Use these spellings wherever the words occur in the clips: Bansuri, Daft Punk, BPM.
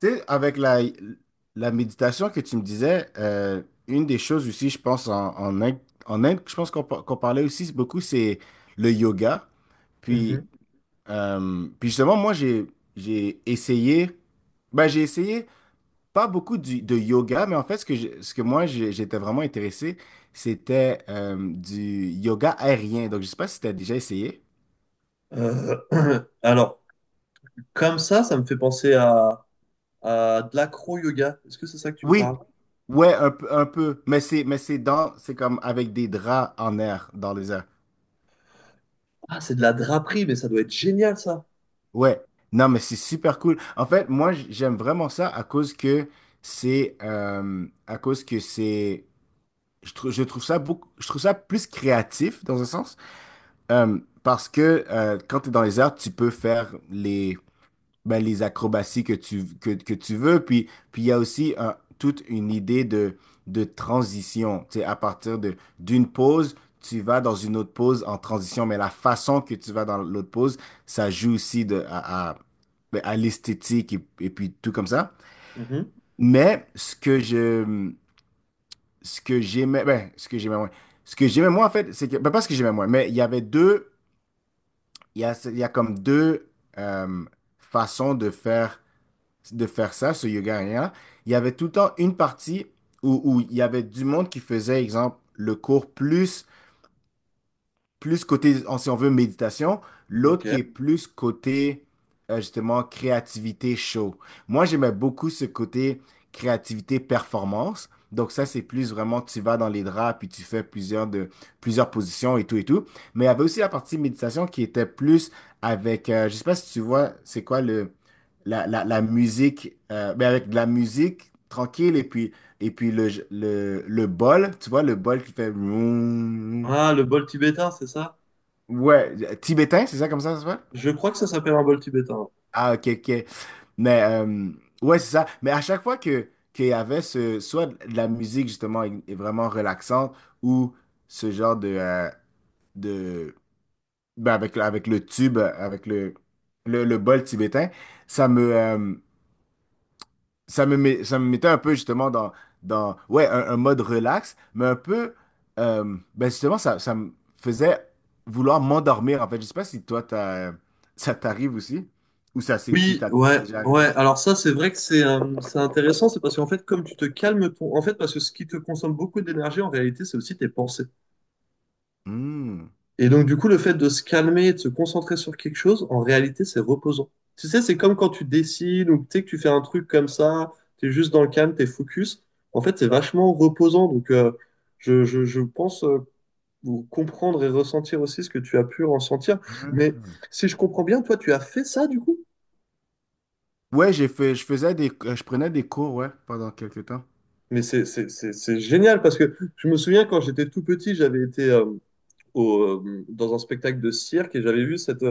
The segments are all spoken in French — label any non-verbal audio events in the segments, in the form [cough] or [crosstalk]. Tu sais, avec la méditation que tu me disais, une des choses aussi, je pense, en Inde, en Inde, je pense qu'on parlait aussi beaucoup, c'est le yoga. Puis, Mhm. puis, justement, moi, j'ai essayé, ben, j'ai essayé pas beaucoup de yoga, mais en fait, ce que, j'ai- ce que moi, j'ai- j'étais vraiment intéressé, c'était du yoga aérien. Donc, je sais pas si tu as déjà essayé. Euh, [clears throat] alors, comme ça me fait penser à de l'acro-yoga. Est-ce que c'est ça que tu me Oui, parles? ouais, un peu, c'est comme avec des draps en air, dans les airs. Ah, c'est de la draperie, mais ça doit être génial, ça. Ouais, non, mais c'est super cool. En fait, moi, j'aime vraiment ça à cause que c'est, à cause que c'est, je trouve ça beaucoup, je trouve ça plus créatif dans un sens. Parce que quand tu es dans les arts, tu peux faire les ben, les acrobaties que tu veux. Puis, il y a aussi toute une idée de transition. Tu sais, à partir d'une pause, tu vas dans une autre pause en transition, mais la façon que tu vas dans l'autre pause, ça joue aussi ben, à l'esthétique et puis tout comme ça. Mhm. Mais ce que j'aimais, ben, ce que j'aimais moins en fait, c'est que, ben, pas ce que j'aimais moins, mais il y a comme deux euh, façons de faire ça ce yoga rien. Il y avait tout le temps une partie où il y avait du monde qui faisait, exemple, le cours plus côté, si on veut, méditation, l'autre Ok. qui est plus côté, justement, créativité show. Moi, j'aimais beaucoup ce côté créativité performance. Donc ça, c'est plus vraiment, tu vas dans les draps, puis tu fais plusieurs positions et tout et tout. Mais il y avait aussi la partie méditation qui était plus avec, je sais pas si tu vois, c'est quoi la musique, mais avec de la musique tranquille et puis le bol, tu vois, le bol qui fait vroom. Ah, le bol tibétain, c'est ça? Ouais, tibétain, c'est ça comme ça s'appelle? Je crois que ça s'appelle un bol tibétain. Ah, ok, ok. Mais, ouais, c'est ça. Mais à chaque fois qu'il y avait ce, soit de la musique, justement, est vraiment relaxante, ou ce genre de, ben, avec le tube, avec le bol tibétain, ça me, euh, ça me mettait un peu justement dans ouais, un mode relax, mais un peu, ben justement, ça me faisait vouloir m'endormir, en fait. Je sais pas si toi, ça t'arrive aussi, ou ça, c'est, si Oui, t'as ouais, déjà ouais. arrivé. Alors ça, c'est vrai que c'est intéressant, c'est parce qu'en fait, comme tu te calmes ton... En fait, parce que ce qui te consomme beaucoup d'énergie, en réalité, c'est aussi tes pensées. Hmm. Et donc, du coup, le fait de se calmer et de se concentrer sur quelque chose, en réalité, c'est reposant. Tu sais, c'est comme quand tu dessines ou tu sais, que tu fais un truc comme ça, tu es juste dans le calme, tu es focus. En fait, c'est vachement reposant. Donc, je pense comprendre et ressentir aussi ce que tu as pu ressentir. Mais Ah. si je comprends bien, toi, tu as fait ça, du coup. Ouais, je faisais des, je prenais des cours, ouais, pendant quelques temps. Mais c'est génial parce que je me souviens quand j'étais tout petit, j'avais été... dans un spectacle de cirque et j'avais vu cette,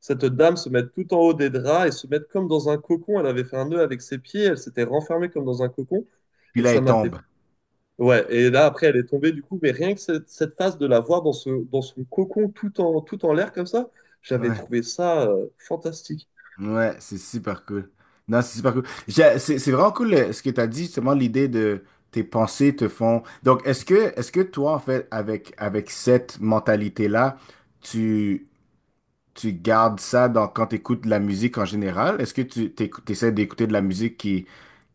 cette dame se mettre tout en haut des draps et se mettre comme dans un cocon. Elle avait fait un nœud avec ses pieds, elle s'était renfermée comme dans un cocon Puis et là, ça elle m'a fait. tombe. Ouais, et là après elle est tombée du coup, mais rien que cette, cette phase de la voir dans, ce, dans son cocon tout en, tout en l'air comme ça, j'avais Ouais. trouvé ça fantastique. Ouais, c'est super cool. Non, c'est super cool. C'est vraiment cool, ce que tu as dit, justement, l'idée de tes pensées te font. Donc, est-ce que toi, en fait, avec cette mentalité-là, tu, tu gardes ça dans, quand tu écoutes de la musique en général? Est-ce que tu essaies d'écouter de la musique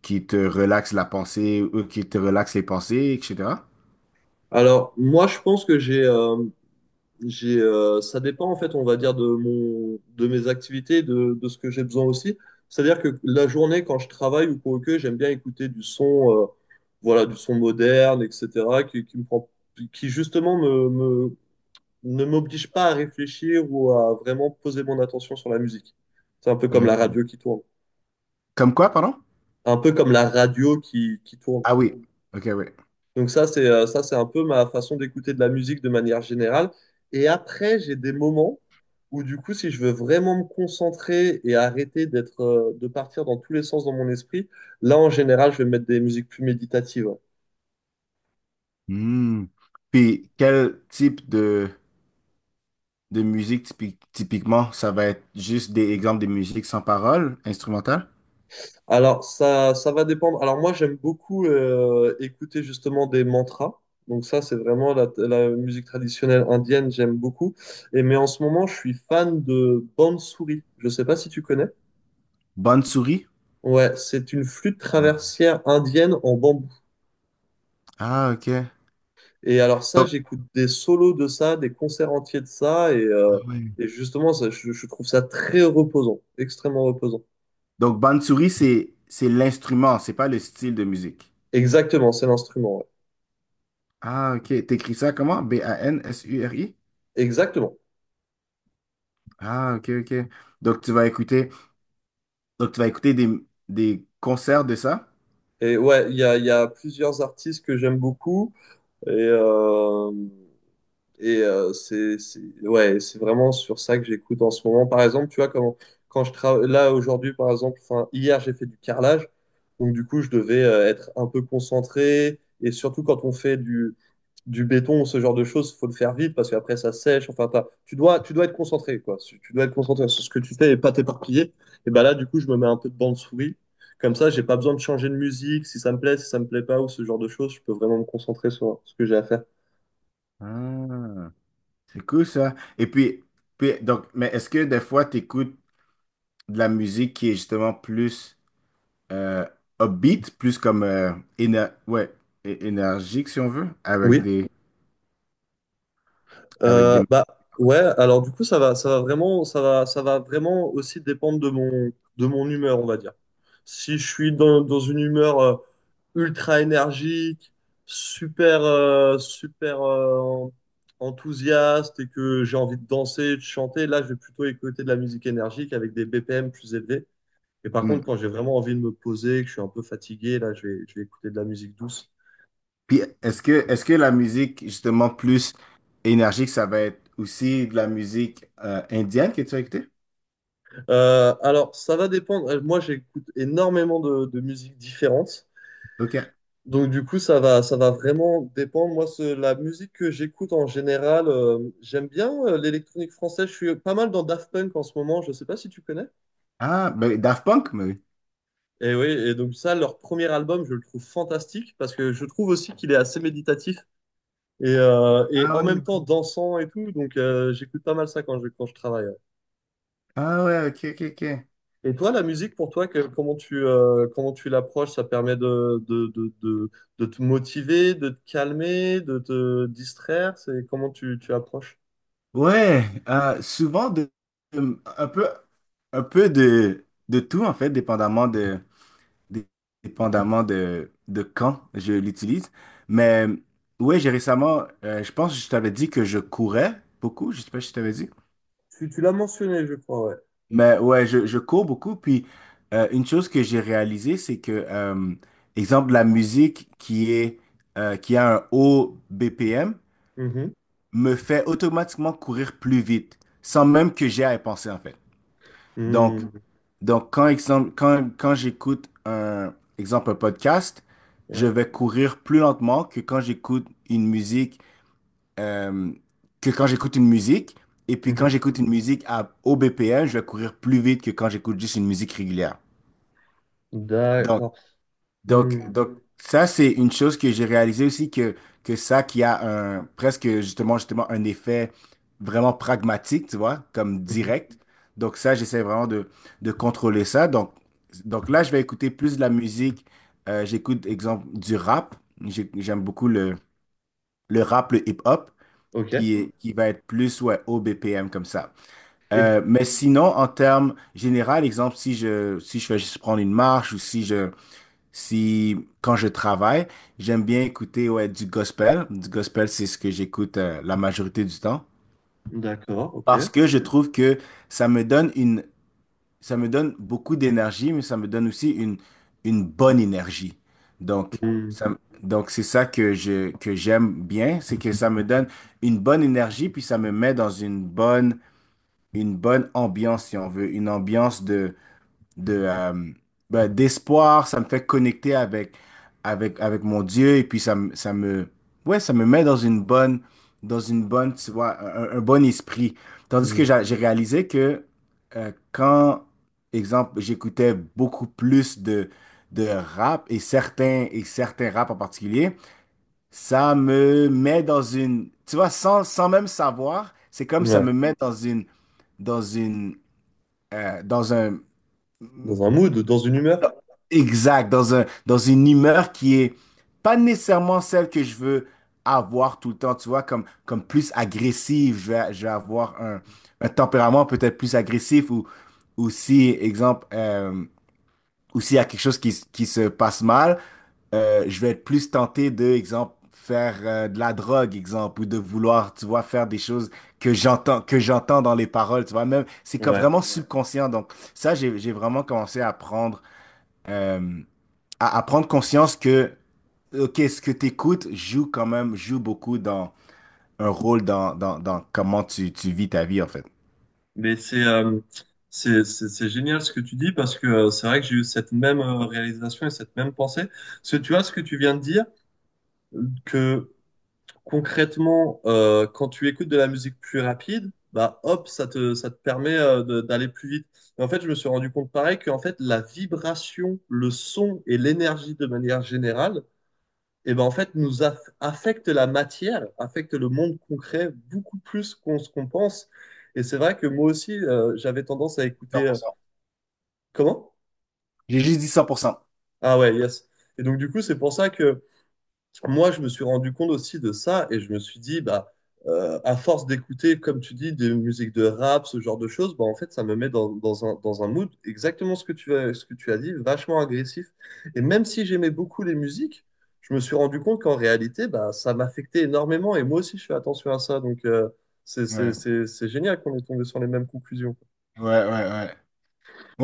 qui te relaxe la pensée ou qui te relaxe les pensées, etc.? Alors, moi, je pense que ça dépend en fait, on va dire, de mon, de mes activités, de ce que j'ai besoin aussi. C'est-à-dire que la journée, quand je travaille ou quoi que, j'aime bien écouter du son, voilà, du son moderne, etc., qui me prend, qui justement ne m'oblige pas à réfléchir ou à vraiment poser mon attention sur la musique. C'est un peu comme la Hmm. radio qui tourne. Comme quoi, pardon? Un peu comme la radio qui tourne. Ah oui, ok, oui. Donc ça, c'est un peu ma façon d'écouter de la musique de manière générale. Et après, j'ai des moments où du coup, si je veux vraiment me concentrer et arrêter d'être, de partir dans tous les sens dans mon esprit, là, en général, je vais mettre des musiques plus méditatives. Hmm. Puis, quel type de musique, typiquement, ça va être juste des exemples de musique sans parole, instrumentale. Alors, ça va dépendre. Alors moi, j'aime beaucoup écouter justement des mantras. Donc ça, c'est vraiment la, la musique traditionnelle indienne, j'aime beaucoup. Et mais en ce moment, je suis fan de Bansuri. Je ne sais pas si tu connais. Bansuri? Ouais, c'est une flûte Non. traversière indienne en bambou. Ah, ok. Et alors ça, Donc, j'écoute des solos de ça, des concerts entiers de ça, ah ouais. et justement, ça, je trouve ça très reposant, extrêmement reposant. Donc Bansuri, c'est l'instrument, c'est pas le style de musique. Exactement, c'est l'instrument, ouais. Ah, ok. T'écris ça comment? Bansuri? Exactement. Ah, ok, ok. Donc, donc tu vas écouter des concerts de ça? Et ouais, il y a plusieurs artistes que j'aime beaucoup, et, euh, Et ouais, c'est vraiment sur ça que j'écoute en ce moment. Par exemple, tu vois, quand, quand je travaille là aujourd'hui, par exemple, enfin, hier, j'ai fait du carrelage. Donc, du coup, je devais être un peu concentré. Et surtout, quand on fait du béton ou ce genre de choses, il faut le faire vite parce qu'après, ça sèche. Enfin, tu dois être concentré, quoi. Tu dois être concentré sur ce que tu fais et pas t'éparpiller. Et ben là, du coup, je me mets un peu de bande souris. Comme ça, j'ai pas besoin de changer de musique. Si ça me plaît, si ça me plaît pas ou ce genre de choses, je peux vraiment me concentrer sur ce que j'ai à faire. Ah, c'est cool ça. Et puis, donc, mais est-ce que des fois, tu écoutes de la musique qui est justement plus. euh, Upbeat, plus comme ouais, énergique si on veut, avec Oui. des avec des Bah ouais, alors du coup ça va vraiment aussi dépendre de mon humeur, on va dire. Si je suis dans, dans une humeur ultra énergique, super, super enthousiaste et que j'ai envie de danser, de chanter, là je vais plutôt écouter de la musique énergique avec des BPM plus élevés. Et par contre, quand Hmm. j'ai vraiment envie de me poser, que je suis un peu fatigué, là je vais écouter de la musique douce. Puis est-ce que la musique justement plus énergique, ça va être aussi de la musique indienne que tu as écoutée? Alors, ça va dépendre. Moi, j'écoute énormément de musiques différentes. OK. Donc, du coup, ça va vraiment dépendre. Moi, la musique que j'écoute en général, j'aime bien l'électronique française. Je suis pas mal dans Daft Punk en ce moment. Je sais pas si tu connais. Ah, ben Daft Punk, mais oui. Et oui, et donc ça, leur premier album, je le trouve fantastique parce que je trouve aussi qu'il est assez méditatif et Ah en ouais, même temps ok. dansant et tout. Donc, j'écoute pas mal ça quand je travaille, hein. Ah ouais, OK, OK, OK. Et toi, la musique, pour toi, comment tu l'approches? Ça permet de te motiver, de te calmer, de te distraire? C'est comment tu, tu approches? Ouais, souvent un peu de tout en fait, dé- dépendamment de quand je l'utilise. Mais ouais, j'ai récemment, je pense que je t'avais dit que je courais beaucoup, je sais pas si je t'avais dit. Tu l'as mentionné, je crois, ouais. Mais ouais, je cours beaucoup. Puis une chose que j'ai réalisée, c'est que, exemple, la musique qui a un haut BPM Mhm. me fait automatiquement courir plus vite, sans même que j'aie à y penser en fait. Donc, Mhm. donc, quand j'écoute un podcast, je Ouais. vais courir plus lentement que quand j'écoute une musique, euh, que quand j'écoute une musique. Et puis quand Mhm. j'écoute une musique au BPM, je vais courir plus vite que quand j'écoute juste une musique régulière. D'accord. Donc, Mhm. donc ça, c'est une chose que j'ai réalisé aussi que ça qui a un, presque justement un effet vraiment pragmatique, tu vois, comme Mhm. direct. Donc ça, j'essaie vraiment de contrôler ça. Donc, là, je vais écouter plus de la musique. J'écoute, exemple, du rap. J'aime beaucoup le rap, le hip-hop, Ok. Qui va être plus, ouais, au BPM comme ça. Et Mais sinon, en termes général, exemple, si je vais juste prendre une marche ou si je, si, quand je travaille, j'aime bien écouter ouais, du gospel. Du gospel, c'est ce que j'écoute la majorité du temps. d'accord, ok. Parce que je trouve que ça me donne une, ça me donne beaucoup d'énergie, mais ça me donne aussi une bonne énergie. Donc, Mhm. ça, donc c'est ça que j'aime bien, c'est que ça me donne une bonne énergie, puis ça me met dans une bonne ambiance, si on veut, une ambiance de de, euh, ben, d'espoir, ça me fait connecter avec mon Dieu et puis ouais, ça me met dans dans une bonne, tu vois, un bon esprit. Tandis que Mhm. J'ai réalisé que quand, exemple, j'écoutais beaucoup plus de rap et et certains rap en particulier, ça me met dans une, tu vois, sans même savoir, c'est comme ça Ouais. me met dans une, dans une, dans un, Dans un mood, dans une humeur? exact, dans une humeur qui est pas nécessairement celle que je veux avoir tout le temps, tu vois, comme plus agressive, je vais avoir un tempérament peut-être plus agressif ou si, exemple, ou s'il y a quelque chose qui se passe mal, je vais être plus tenté de, exemple, faire de la drogue, exemple, ou de vouloir, tu vois, faire des choses que j'entends dans les paroles, tu vois, même, c'est comme Ouais. vraiment, ouais, subconscient, donc ça, j'ai vraiment commencé à apprendre, euh, à prendre conscience que, OK, ce que tu écoutes joue quand même, joue beaucoup dans un rôle dans comment tu vis ta vie, en fait. Mais c'est c'est génial ce que tu dis parce que c'est vrai que j'ai eu cette même réalisation et cette même pensée. Parce que tu vois ce que tu viens de dire, que concrètement, quand tu écoutes de la musique plus rapide, bah hop, ça te permet d'aller plus vite. Et en fait, je me suis rendu compte pareil qu'en fait la vibration, le son et l'énergie de manière générale et ben en fait affecte la matière, affecte le monde concret beaucoup plus qu'on ce qu'on pense. Et c'est vrai que moi aussi, j'avais tendance à cent écouter. pour Euh, cent comment? J'ai juste dit 100%. Ah ouais, yes. Et donc du coup, c'est pour ça que moi, je me suis rendu compte aussi de ça et je me suis dit, bah, à force d'écouter, comme tu dis, des musiques de rap, ce genre de choses, bah, en fait, ça me met dans, dans un mood exactement ce que tu as, ce que tu as dit, vachement agressif. Et même si j'aimais beaucoup les musiques, je me suis rendu compte qu'en réalité, bah, ça m'affectait énormément et moi aussi, je fais attention à ça. Donc, c'est c'est- Ouais, c'est- c'est génial qu'on ait tombé sur les mêmes conclusions. ouais, ouais, ouais.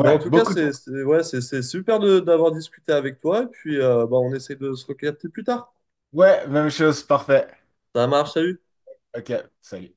Bah, en tout cas, beaucoup de mots. Ouais, c'est super d'avoir discuté avec toi et puis bah, on essaie de se recapter plus tard. Ouais, même chose, parfait. Ça marche, salut! OK, salut.